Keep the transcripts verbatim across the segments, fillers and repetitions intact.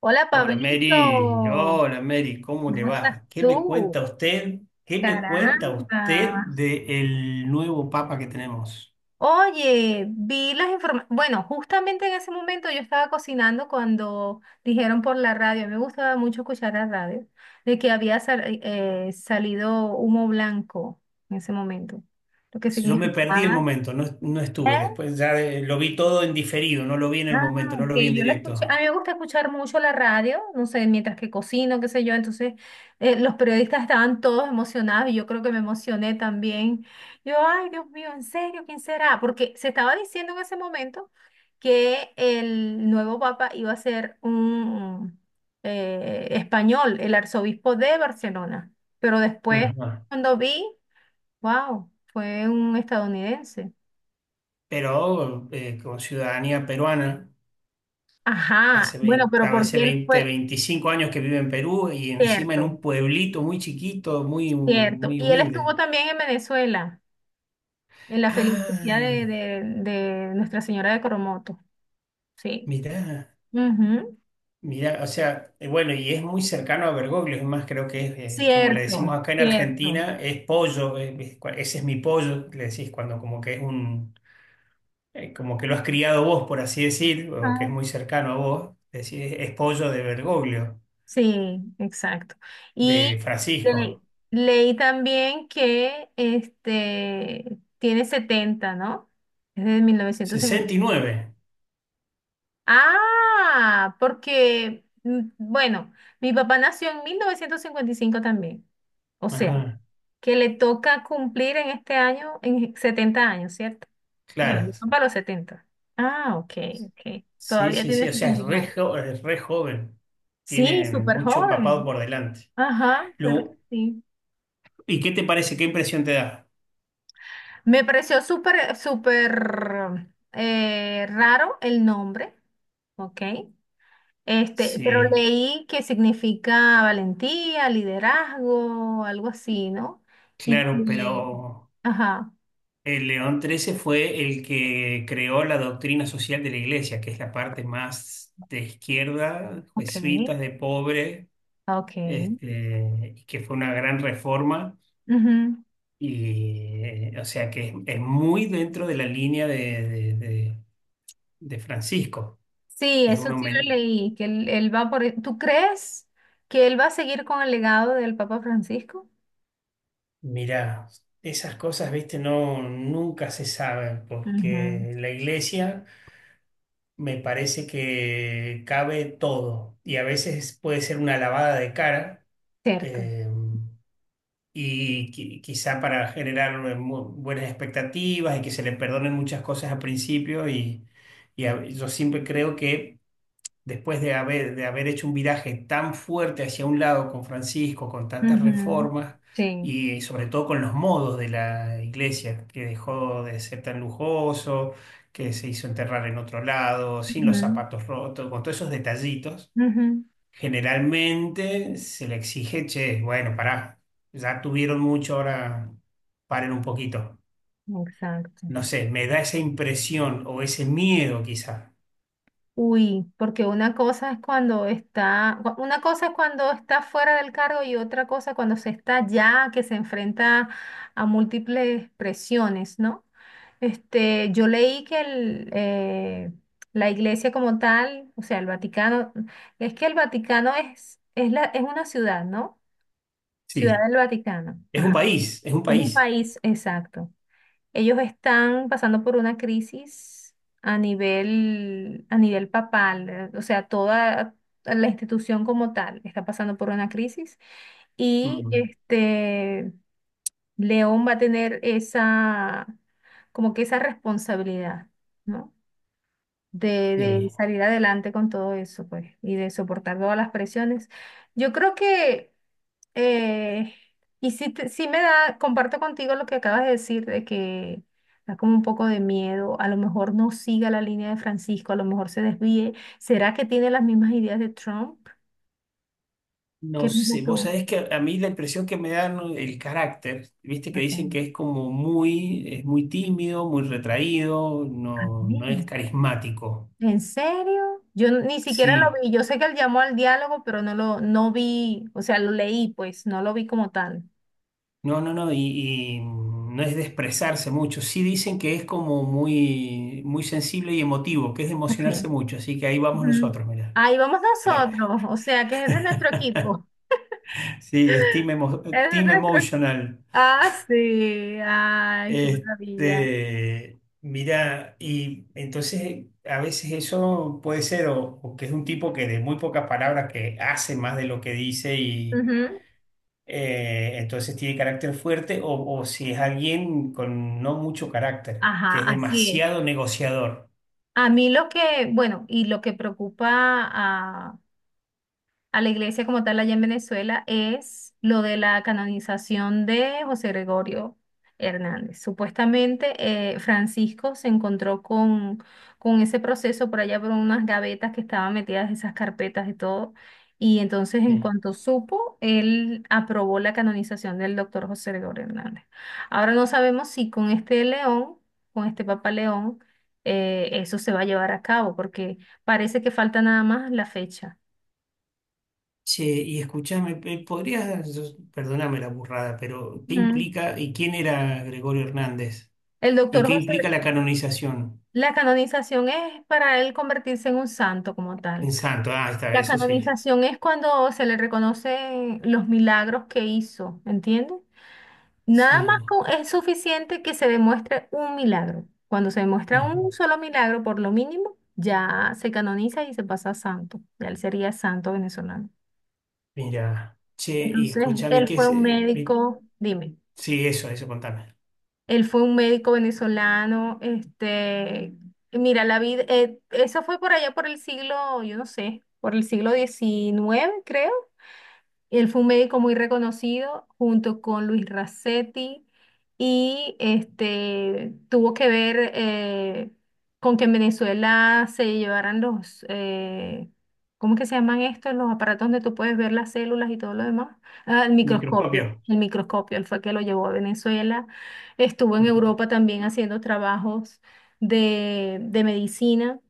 Hola Hola Pablito, Mary, hola Mary, ¿cómo le ¿cómo estás va? ¿Qué me tú? cuenta usted? ¿Qué me cuenta Caramba. usted del nuevo Papa que tenemos? Oye, vi las informaciones. Bueno, justamente en ese momento yo estaba cocinando cuando dijeron por la radio, a mí me gustaba mucho escuchar la radio, de que había sal- eh, eh, salido humo blanco en ese momento, lo que Yo me perdí el significaba. momento, no, no ¿Eh? estuve después, ya eh, lo vi todo en diferido, no lo vi en el Ah, momento, no ok, lo vi en yo la escuché. A directo. mí me gusta escuchar mucho la radio, no sé, mientras que cocino, qué sé yo. Entonces, eh, los periodistas estaban todos emocionados y yo creo que me emocioné también. Yo, ay, Dios mío, ¿en serio? ¿Quién será? Porque se estaba diciendo en ese momento que el nuevo papa iba a ser un eh, español, el arzobispo de Barcelona. Pero después, Ajá. cuando vi, wow, fue un estadounidense. Pero eh, con ciudadanía peruana, Ajá, hace bueno, veinte, pero a veces porque él veinte, fue veinticinco años que vive en Perú y encima en cierto. un pueblito muy chiquito, muy, Cierto. muy Y él estuvo humilde. también en Venezuela, en la felicidad Ah, de, de- de Nuestra Señora de Coromoto. Sí. mirá. Ujú. Mira, o sea, eh, bueno, y es muy cercano a Bergoglio, es más, creo que es, eh, como le Cierto, decimos acá en cierto. Argentina, es pollo, eh, es cua- ese es mi pollo, le decís cuando como que es un, eh, como que lo has criado vos, por así decir, o que es Ah, muy cercano a vos, decís, es, es pollo de Bergoglio, sí, exacto. de Y le- Francisco. leí también que este tiene setenta, ¿no? Es de mil novecientos cincuenta. Sesenta y nueve. Ah, porque, mm, bueno, mi papá nació en mil novecientos cincuenta y cinco también. O sea, Ajá, que le toca cumplir en este año, en setenta años, ¿cierto? Bueno, claro, mi papá los setenta. Ah, ok, ok. sí, Todavía sí, tiene sí, o sea, sesenta es y re, nueve jo- es re joven, Sí, tiene súper mucho papado joven. por delante. Ajá, claro que Lo- sí. ¿Y qué te parece, qué impresión te da? Me pareció súper, súper eh, raro el nombre, ¿ok? Este, pero Sí. leí que significa valentía, liderazgo, algo así, ¿no? Y Claro, que, pero ajá, el León trece fue el que creó la doctrina social de la iglesia, que es la parte más de izquierda, ok, jesuitas, de pobre, ok. este, y que fue una gran reforma. Ujú. Y, eh, o sea, que es, es muy dentro de la línea de, de- de- de Francisco. Sí, Es eso uno, sí lo leí, que él, él va por... e, ¿Tú crees que él va a seguir con el legado del Papa Francisco? mira, esas cosas, viste, no, nunca se saben, Ujú. porque la iglesia. Me parece que cabe todo y a veces puede ser una lavada de cara Cierto. eh, y qui- quizá para generar mu- buenas expectativas y que se le perdonen muchas cosas al principio y, y a- yo siempre creo que después de haber, de haber hecho un viraje tan fuerte hacia un lado con Francisco, con tantas Ujú. reformas Sí. y sobre todo con los modos de la iglesia, que dejó de ser tan lujoso, que se hizo enterrar en otro lado, sin los Ujú, zapatos rotos, con todos esos detallitos, ujú. generalmente se le exige, che, bueno, pará, ya tuvieron mucho, ahora paren un poquito. Exacto. No sé, me da esa impresión o ese miedo quizá. Uy, porque una cosa es cuando está, cua- una cosa es cuando está fuera del cargo y otra cosa cuando se está ya, que se enfrenta a múltiples presiones, ¿no? Este, yo leí que el, eh, la iglesia como tal, o sea, el Vaticano, es que el Vaticano es, es la, es una ciudad, ¿no? Ciudad Sí, del Vaticano, es un ajá. país, es un Es un país. país, exacto. Ellos están pasando por una crisis a nivel, a nivel papal, eh, o sea, toda la institución como tal está pasando por una crisis y Mm. este León va a tener esa, como que esa responsabilidad, ¿no? De, de Sí. salir adelante con todo eso, pues, y de soportar todas las presiones. Yo creo que eh, y sí, te- sí me da, comparto contigo lo que acabas de decir, de que da como un poco de miedo, a lo mejor no siga la línea de Francisco, a lo mejor se desvíe. ¿Será que tiene las mismas ideas de Trump? No ¿Qué piensas sé, vos tú? sabés que a mí la impresión que me dan, ¿no?, el carácter, viste que Acá. dicen que es como muy, es muy tímido, muy retraído, no, no Mm. es carismático. ¿En serio? Yo n- ni siquiera lo Sí, vi, yo sé que él llamó al diálogo, pero no lo, no vi, o sea, lo leí, pues, no lo vi como tal. no, no, no, y, y no es de expresarse mucho. Sí dicen que es como muy, muy sensible y emotivo, que es de Ok. emocionarse mucho, así que ahí vamos Ujú. nosotros, mirá. Ahí vamos nosotros, o sea, que es de nuestro equipo, Sí, es team, emo- es de team nuestro. emotional. Ah, sí, ay, qué maravilla. Este, mira, y entonces a veces eso puede ser o, o que es un tipo que de muy pocas palabras que hace más de lo que dice y Ujú. eh, entonces tiene carácter fuerte o, o si es alguien con no mucho carácter, Ajá, que es así es. demasiado negociador. A mí lo que, bueno, y lo que preocupa a la iglesia como tal allá en Venezuela es lo de la canonización de José Gregorio Hernández. Supuestamente eh, Francisco se encontró con, con ese proceso por allá por unas gavetas que estaban metidas esas carpetas y todo. Y entonces en Sí. cuanto supo, él aprobó la canonización del doctor José Gregorio Hernández. Ahora no sabemos si con este León, con este Papa León, eh, eso se va a llevar a cabo, porque parece que falta nada más la fecha. Che, y escúchame, pe- ¿podrías, perdóname la burrada, pero qué Ujú. implica y quién era Gregorio Hernández? El ¿Y doctor qué José, implica la canonización la canonización es para él convertirse en un santo como en tal. santo? Ah, ahí está, La eso sí. canonización es cuando se le reconocen los milagros que hizo, ¿entiendes? Sí. Nada más con- es suficiente que se demuestre un milagro. Cuando se demuestra Ah, un solo milagro, por lo mínimo, ya se canoniza y se pasa a santo. Ya él sería santo venezolano. mira, che, y Entonces, escúchame, él ¿qué fue es? un eh, mi- médico, dime. Sí, eso, eso, contame. Él fue un médico venezolano, este, mira, la vida, eh, eso fue por allá por el siglo, yo no sé, por el siglo diecinueve, creo. Él fue un médico muy reconocido junto con Luis Racetti y este, tuvo que ver eh, con que en Venezuela se llevaran los, eh, ¿cómo que se llaman estos? Los aparatos donde tú puedes ver las células y todo lo demás. Ah, el microscopio, Microscopio. el microscopio, él fue que lo llevó a Venezuela. Estuvo en Ajá, Europa también haciendo trabajos de, de medicina.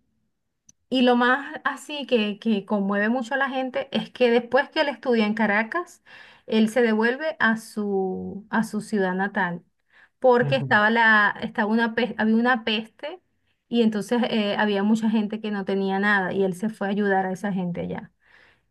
Y lo más así que, que conmueve mucho a la gente es que después que él estudia en Caracas, él se devuelve a su, a su, ciudad natal, porque ajá. estaba la, estaba una, pes- había una peste y entonces eh, había mucha gente que no tenía nada y él se fue a ayudar a esa gente allá.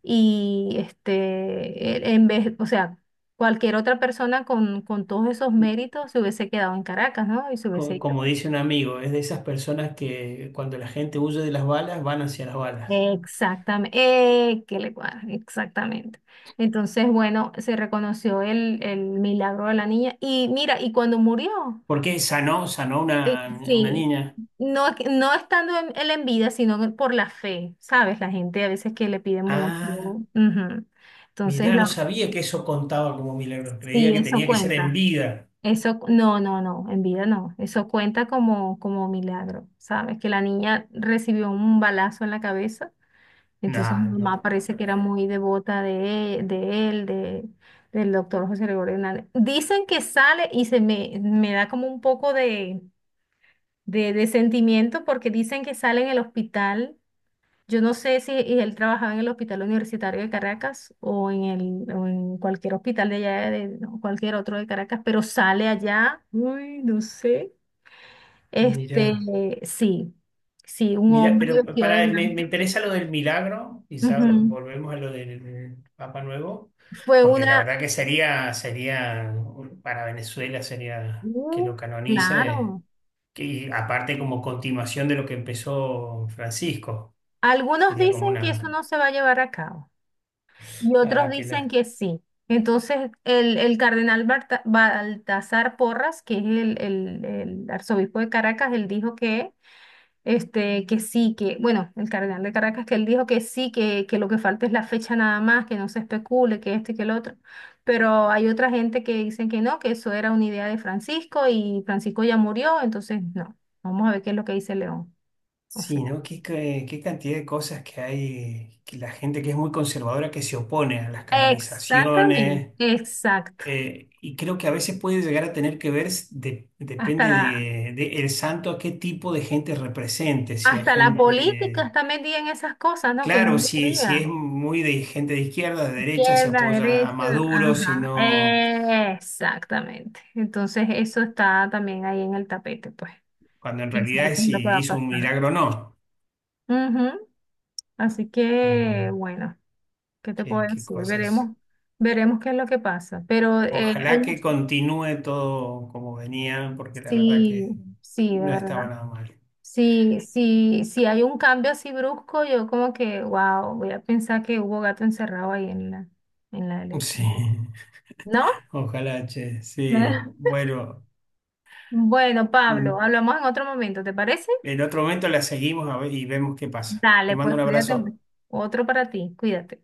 Y este, él- en vez, o sea, cualquier otra persona con, con todos esos méritos se hubiese quedado en Caracas, ¿no? Y se hubiese Co- ido. Como dice un amigo, es de esas personas que cuando la gente huye de las balas, van hacia las balas. Exactamente, que le cuadra, exactamente. Entonces, bueno, se reconoció el, el milagro de la niña. Y mira, y cuando murió, ¿Por qué sanó, sanó eh, una, una sí, niña? no, es que- no estando en- él en vida, sino que por la fe, ¿sabes? La gente a veces que le pide mucho. Ah, Ujú. Entonces, mirá, no la, sabía que eso contaba como milagros. Creía sí, que eso tenía que ser en cuenta. vida. Eso, cu- no, no, no, en vida no. Eso cuenta como, como milagro, ¿sabes? Que la niña recibió un balazo en la cabeza. Entonces mi No, no te mamá puedo parece que era creer. muy devota de, e- de él, de, del doctor José Gregorio Hernández. Dicen que sale y se me, me da como un poco de, de, de, sentimiento porque dicen que sale en el hospital. Yo no sé si él trabajaba en el Hospital Universitario de Caracas o en, el, o en cualquier hospital de allá, de, o cualquier otro de Caracas, pero sale allá. Uy, no sé. Este, Mirá. sí, sí, un Mira, hombre pero vestido de para, me, me blanco. interesa lo del milagro, quizá Ujú. volvemos a lo del Papa Nuevo, Fue porque la una. verdad que sería, sería, para Venezuela sería que Uh, lo canonice, claro. que, y aparte como continuación de lo que empezó Francisco, Algunos sería como dicen que eso una... no se va a llevar a cabo y otros Ah, qué dicen lástima. que sí. Entonces, el, el cardenal Barta- Baltasar Porras, que es el, el- el arzobispo de Caracas, él dijo que, este, que sí, que, bueno, el cardenal de Caracas, que él dijo que sí, que, que lo que falta es la fecha nada más, que no se especule, que esto y que el otro. Pero hay otra gente que dicen que no, que eso era una idea de Francisco y Francisco ya murió, entonces no. Vamos a ver qué es lo que dice León. Sí, ¿no? Qué, qué, qué cantidad de cosas que hay, que la gente que es muy conservadora que se opone a las Exactamente, canonizaciones. exacto. Eh, y creo que a veces puede llegar a tener que ver, s- de- Hasta depende la, de, de el santo a qué tipo de gente represente, si a hasta la política gente, está metida en esas cosas, ¿no? Que no claro, si, si debería. es muy de gente de izquierda, de derecha, si Izquierda, apoya a derecha, Maduro, si ajá. no, Exactamente. Entonces eso está también ahí en el tapete, pues. cuando en Y realidad sabe qué es es lo que va si a hizo un pasar. milagro o no. Ujú. Así que, Mira, bueno, ¿qué te qué, puedo qué decir? cosa es. Veremos, veremos qué es lo que pasa. Pero eh, Ojalá hay que mucho. continúe todo como venía, porque la verdad Sí, que sí, de no estaba verdad. nada mal. Si, si, si hay un cambio así brusco, yo como que, wow, voy a pensar que hubo gato encerrado ahí en la, en la, Sí, elección. ¿No? ojalá, che, sí. Bueno. Bueno, Mm, Pablo, hablamos en otro momento, ¿te parece? en otro momento la seguimos a ver y vemos qué pasa. Te Dale, mando pues un cuídate abrazo. mucho. Otro para ti, cuídate.